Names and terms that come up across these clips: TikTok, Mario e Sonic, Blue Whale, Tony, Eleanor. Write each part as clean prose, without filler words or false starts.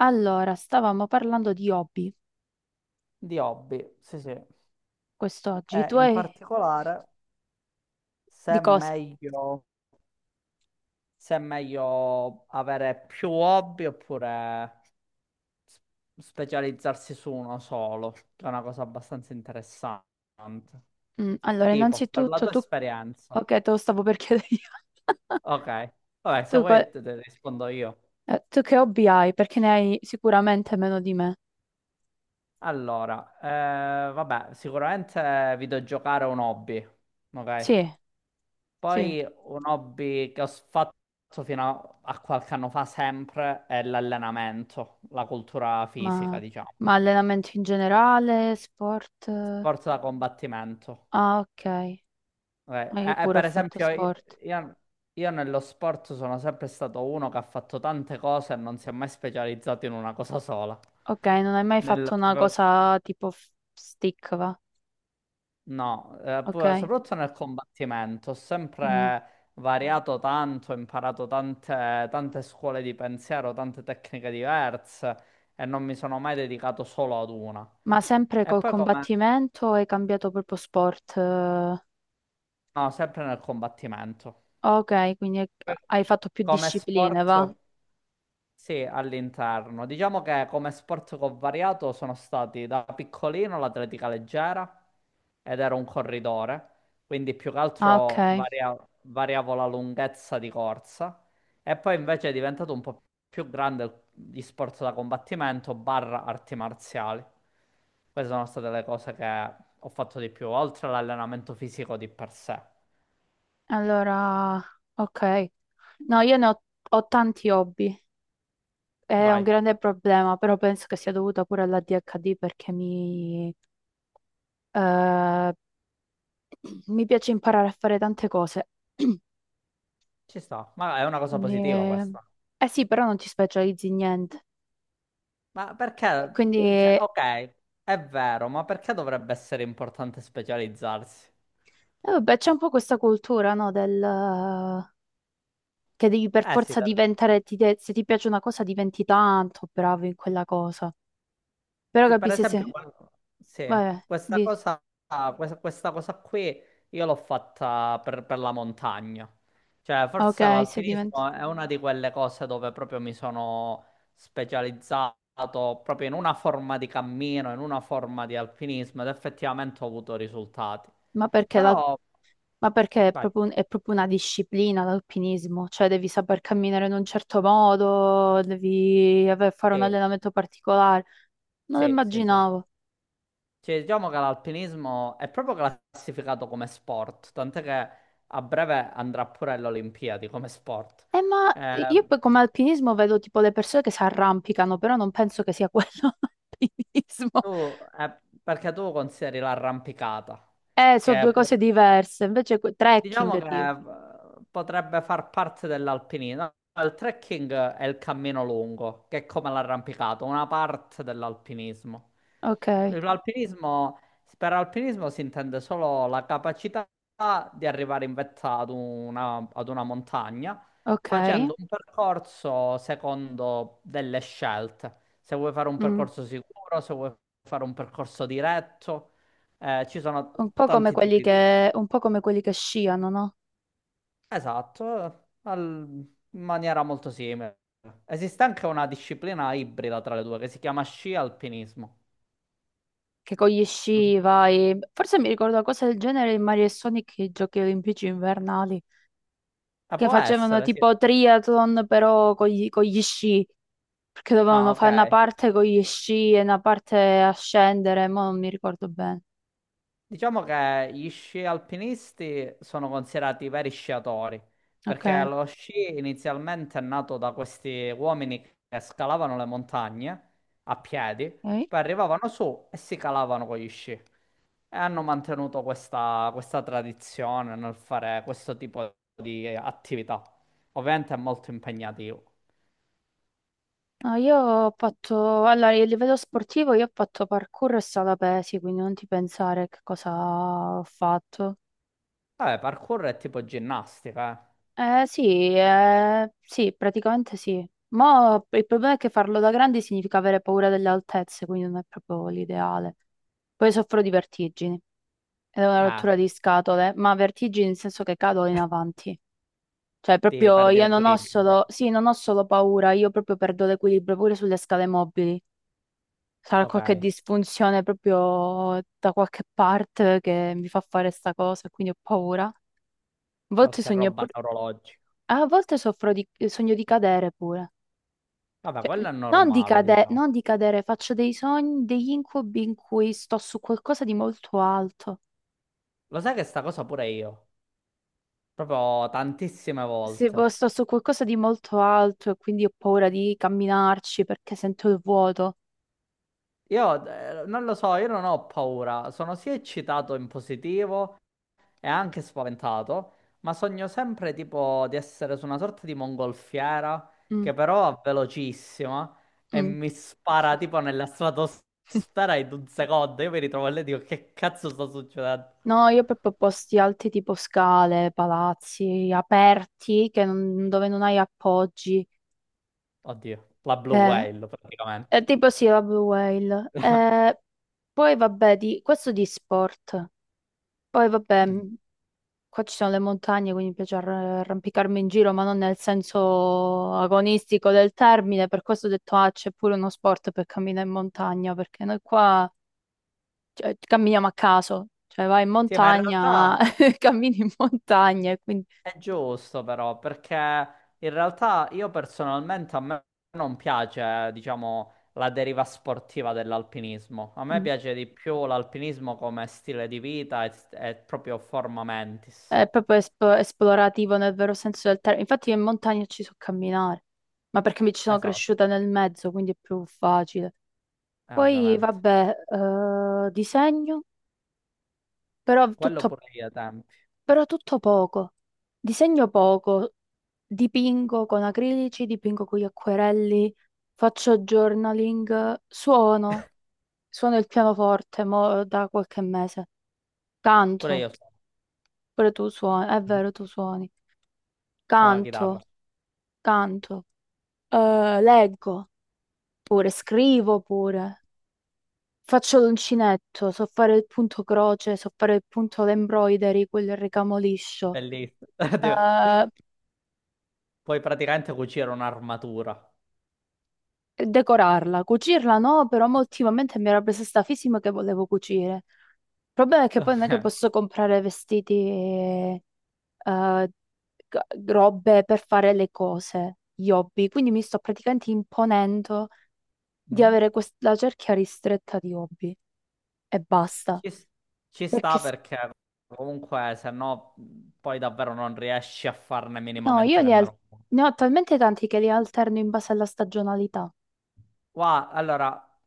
Allora, stavamo parlando di hobby Di hobby, sì, sì. E quest'oggi. Tu in hai... particolare se di è cosa? meglio, se è meglio avere più hobby oppure s- specializzarsi su uno solo, che è una cosa abbastanza interessante. Allora, Tipo, per la innanzitutto tua tu... esperienza. Ok, te lo stavo per chiedere io. Ok, vabbè, se Tu, vuoi te, te rispondo io. Tu che hobby hai? Perché ne hai sicuramente meno di me. Allora, vabbè, sicuramente videogiocare è un hobby, ok? Sì, sì, Poi un hobby che ho fatto fino a qualche anno fa sempre è l'allenamento, la cultura fisica, ma, diciamo, ma allenamenti in generale, sport... eh? sport da combattimento. Ah, ok. Ah, io E pure ho per fatto esempio sport. io- io nello sport sono sempre stato uno che ha fatto tante cose e non si è mai specializzato in una cosa sola. Ok, non hai mai Nel- fatto una cosa tipo f- stick, va? No, Ok. Soprattutto nel combattimento, ho Mm. sempre variato tanto, ho imparato tante scuole di pensiero, tante tecniche diverse e non mi sono mai dedicato solo ad una. Ma sempre E col poi come... combattimento o hai cambiato proprio sport? Eh? No, sempre nel combattimento. Ok, quindi hai Per- hai fatto più Come discipline, va? sport? Sì, all'interno. Diciamo che come sport che ho variato sono stati da piccolino l'atletica leggera ed ero un corridore, quindi più che Ah, altro ok. Variavo la lunghezza di corsa e poi invece è diventato un po' più grande gli sport da combattimento barra arti marziali. Queste sono state le cose che ho fatto di più, oltre all'allenamento fisico di per sé. Allora, ok. No, ho tanti hobby. È un Vai, grande problema, però penso che sia dovuta pure all'ADHD perché eh, mi piace imparare a fare tante cose. ci sta, ma è una cosa Quindi, positiva eh questa. eh sì, però non ti specializzi in niente. Ma E perché? Quindi, Cioè, eh, ok, è vero, ma perché dovrebbe essere importante specializzarsi? Vabbè, c'è un po' questa cultura, no, del... Che devi per Eh sì, forza per diventare, ti de- se ti piace una cosa diventi tanto bravo in quella cosa. Però ti- per capisci esempio, se, sì, vabbè, questa dici, cosa, questa cosa qui io l'ho fatta per la montagna. Cioè, forse ok, se diventi, l'alpinismo è una di quelle cose dove proprio mi sono specializzato proprio in una forma di cammino, in una forma di alpinismo ed effettivamente ho avuto risultati. ma perché, Però, ma perché è vai, proprio, è proprio una disciplina l'alpinismo, cioè devi saper camminare in un certo modo, devi aver- fare un sì, allenamento particolare. Non lo sì, sì, sì. immaginavo. Cioè, diciamo che l'alpinismo è proprio classificato come sport, tant'è che a breve andrà pure alle Olimpiadi come sport. Ma Eh, io poi come alpinismo vedo tipo le persone che si arrampicano, però non penso che sia quello l'alpinismo. Perché tu consideri l'arrampicata, Sono che due può- cose diverse, invece que- diciamo trekking che tipo. Potrebbe far parte dell'alpinismo. Il trekking è il cammino lungo, che è come l'arrampicato, una parte dell'alpinismo. Ok, L'alpinismo, per alpinismo si intende solo la capacità di arrivare in vetta ad ad una montagna ok. facendo un percorso secondo delle scelte. Se vuoi fare un Mm. percorso sicuro, se vuoi fare un percorso diretto, ci Un sono po' come tanti quelli tipi di... che, un po' come quelli che sciano, no? Esatto, in maniera molto simile. Esiste anche una disciplina ibrida tra le due che si chiama sci alpinismo. Che con gli Non sci so- vai. Forse mi ricordo una cosa del genere in Mario e Sonic, i giochi olimpici invernali, che può facevano essere, sì. tipo triathlon però con gli sci, perché Ah, dovevano ok. fare una parte con gli sci e una parte a scendere, ma non mi ricordo bene. Diciamo che gli sci alpinisti sono considerati veri sciatori, Ok, perché lo sci inizialmente è nato da questi uomini che scalavano le montagne a piedi, ok. poi arrivavano su e si calavano con gli sci. E hanno mantenuto questa tradizione nel fare questo tipo di attività. Ovviamente è molto impegnativo. No, io ho fatto, allora, a livello sportivo io ho fatto parkour e sala pesi, quindi non ti pensare che cosa ho fatto. Vabbè, parkour è tipo ginnastica, Sì, sì, praticamente sì. Ma il problema è che farlo da grandi significa avere paura delle altezze, quindi non è proprio l'ideale. Poi soffro di vertigini, ed è una eh. rottura di scatole, ma vertigini nel senso che cado in avanti. Cioè, Di proprio perdere io non ho equilibrio. solo, sì, non ho solo paura, io proprio perdo l'equilibrio pure sulle scale mobili. Sarà Ok, qualche disfunzione proprio da qualche parte che mi fa fare sta cosa, quindi ho paura. A volte qualche sogno roba pure, neurologica. a volte sogno di cadere pure. Vabbè, Cioè, quello è non di normale, cade- diciamo. non di cadere, faccio dei sogni, degli incubi in cui sto su qualcosa di molto alto. Lo sai che sta cosa pure io? Proprio tantissime Se po- volte. sto su qualcosa di molto alto e quindi ho paura di camminarci perché sento il vuoto. Io non lo so, io non ho paura. Sono sia eccitato in positivo è anche spaventato, ma sogno sempre tipo di essere su una sorta di mongolfiera Mm, che però è velocissima e mm. mi spara tipo nella stratosfera in un secondo. Io mi ritrovo lì e dico che cazzo sta succedendo? No, io proprio posti alti tipo scale, palazzi aperti che non- dove non hai appoggi. Oddio, la Blue Eh, Whale praticamente. è tipo sì, la Blue Whale. Poi vabbè, di, questo di sport. Poi vabbè. Mm. Qua ci sono le montagne, quindi mi piace arrampicarmi in giro, ma non nel senso agonistico del termine. Per questo ho detto, ah, c'è pure uno sport per camminare in montagna, perché noi qua, cioè, camminiamo a caso. Cioè, vai in Sì, ma in montagna, realtà cammini in montagna, e quindi è giusto però, perché in realtà io personalmente a me non piace, diciamo, la deriva sportiva dell'alpinismo. A me mm, piace di più l'alpinismo come stile di vita e proprio forma mentis. è proprio esp- esplorativo nel vero senso del termine. Infatti io in montagna ci so camminare, ma perché mi ci sono Esatto, cresciuta nel mezzo, quindi è più facile. Poi, ovviamente. vabbè, disegno, però Quello tutto... pure io ai tempi. Però tutto poco. Disegno poco, dipingo con acrilici, dipingo con gli acquerelli, faccio journaling, suono, suono il pianoforte mo da qualche mese. Pure Canto, io pure tu suoni, è sono, vero, tu suoni. sono la chitarra. Canto, canto, eh, leggo pure, scrivo pure. Faccio l'uncinetto, so fare il punto croce, so fare il punto l'embroidery, quel ricamo liscio. Bellissimo. Tipo, Eh, puoi praticamente cucire un'armatura. Decorarla, cucirla no, però mo ultimamente mi era presa sta fisima che volevo cucire. Il problema è che poi non è che Ok. posso comprare vestiti e eh, g- robe per fare le cose, gli hobby, quindi mi sto praticamente imponendo di Mhm. avere quest- la cerchia ristretta di hobby e basta. Ci, s- ci Perché sta s- perché comunque se no poi davvero non riesci a farne no, io minimamente li al- nemmeno uno. ne ho talmente tanti che li alterno in base alla stagionalità. Guarda, allora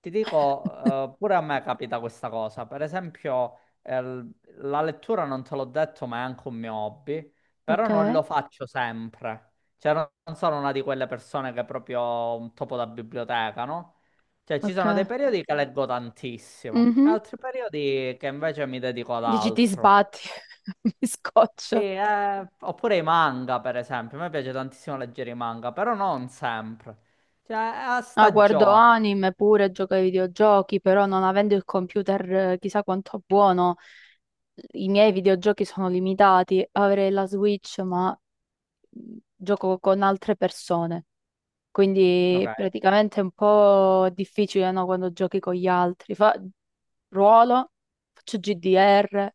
ti dico, pure a me capita questa cosa. Per esempio, la lettura non te l'ho detto, ma è anche un mio hobby, però Ok, non lo faccio sempre. Cioè, non sono una di quelle persone che proprio un topo da biblioteca, no? Cioè, ci ok. sono dei periodi che leggo tantissimo, e Mhm. altri periodi che invece mi dedico ad Dici ti altro. sbatti, mi Sì, scoccio. Oppure i manga, per esempio. A me piace tantissimo leggere i manga, però non sempre. Cioè, è a Ah, guardo stagione. anime pure, gioco ai videogiochi, però non avendo il computer chissà quanto buono, i miei videogiochi sono limitati. Avrei la Switch, ma gioco con altre persone. Ok, Quindi praticamente è un po' difficile, no, quando giochi con gli altri. Fa... Ruolo, faccio GDR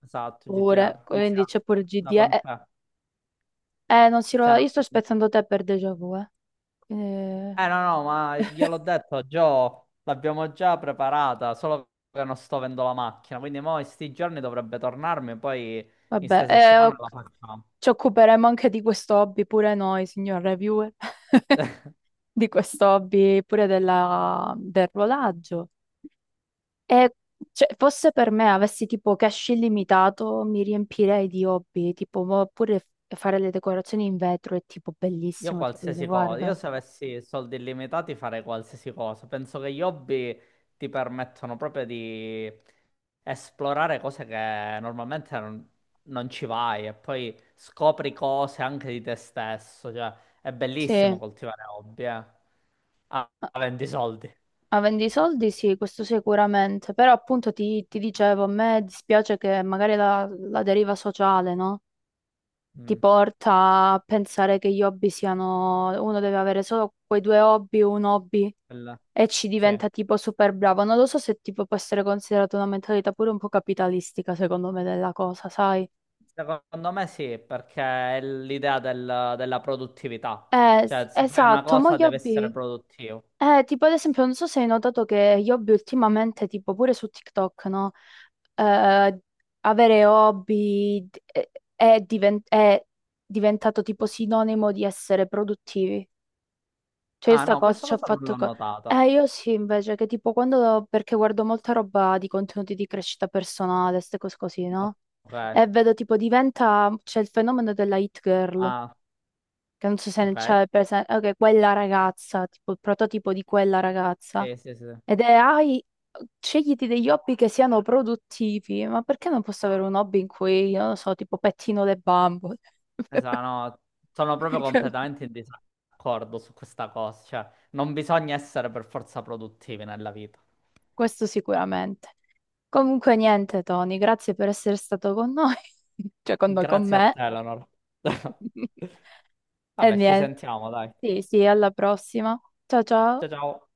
esatto, pure, GTR. quindi Inizia c'è pure da GDR. Quant'è? Non si Cioè, ruola, io sto non- aspettando te per déjà vu, eh. Quindi, no, no, ma gliel'ho detto, Gio, l'abbiamo già preparata, solo che non sto avendo la macchina. Quindi mo in sti giorni dovrebbe tornarmi, poi in vabbè, ste settimane la ok. facciamo. Ci occuperemo anche di questo hobby pure noi, signor reviewer, di questo hobby pure della- del rodaggio. E cioè, fosse per me avessi tipo cash illimitato, mi riempirei di hobby, tipo mo- pure f- fare le decorazioni in vetro è tipo Io bellissimo, tipo dico, qualsiasi cosa, io guarda. se avessi soldi illimitati farei qualsiasi cosa. Penso che gli hobby ti permettono proprio di esplorare cose che normalmente non ci vai e poi scopri cose anche di te stesso. Cioè, è Sì, a- bellissimo coltivare hobby, eh. Ah, avendo i soldi. avendo i soldi sì, questo sicuramente, però appunto ti, ti dicevo, a me dispiace che magari la, la deriva sociale, no? Ti Mm, porta a pensare che gli hobby siano, uno deve avere solo quei due hobby, un hobby quella- e ci sì. diventa tipo super bravo. Non lo so se tipo può essere considerata una mentalità pure un po' capitalistica, secondo me, della cosa, sai? Secondo me sì, perché è l'idea del- della produttività. S- Cioè, se fai una esatto, ma cosa gli deve essere hobby. produttivo. Tipo ad esempio, non so se hai notato che gli hobby ultimamente, tipo pure su TikTok, no? Eh, Avere hobby è, è diventato tipo sinonimo di essere produttivi. Cioè, io Ah, sta no, cosa questa ci ha cosa non fatto... l'ho co- notata. Io sì, invece, che tipo quando... Perché guardo molta roba di contenuti di crescita personale, queste cose così, no? Ok. E vedo tipo diventa... C'è il fenomeno della hit girl, Ah, che non so se ne ok. c'è presente... Ok, quella ragazza, tipo il prototipo di quella ragazza. Sì, sì, sì. Ed è, hai... Scegliti degli hobby che siano produttivi, ma perché non posso avere un hobby in cui, non lo so, tipo pettino le bambole? Esatto, no, sono proprio completamente in disaccordo su questa cosa. Cioè, non bisogna essere per forza produttivi nella vita. Questo sicuramente. Comunque niente, Tony, grazie per essere stato con noi, cioè con noi, con Grazie a te, me. Eleanor. E Vabbè, ci niente, sentiamo, dai. sì, sì, alla prossima. Ciao ciao. Ciao, ciao.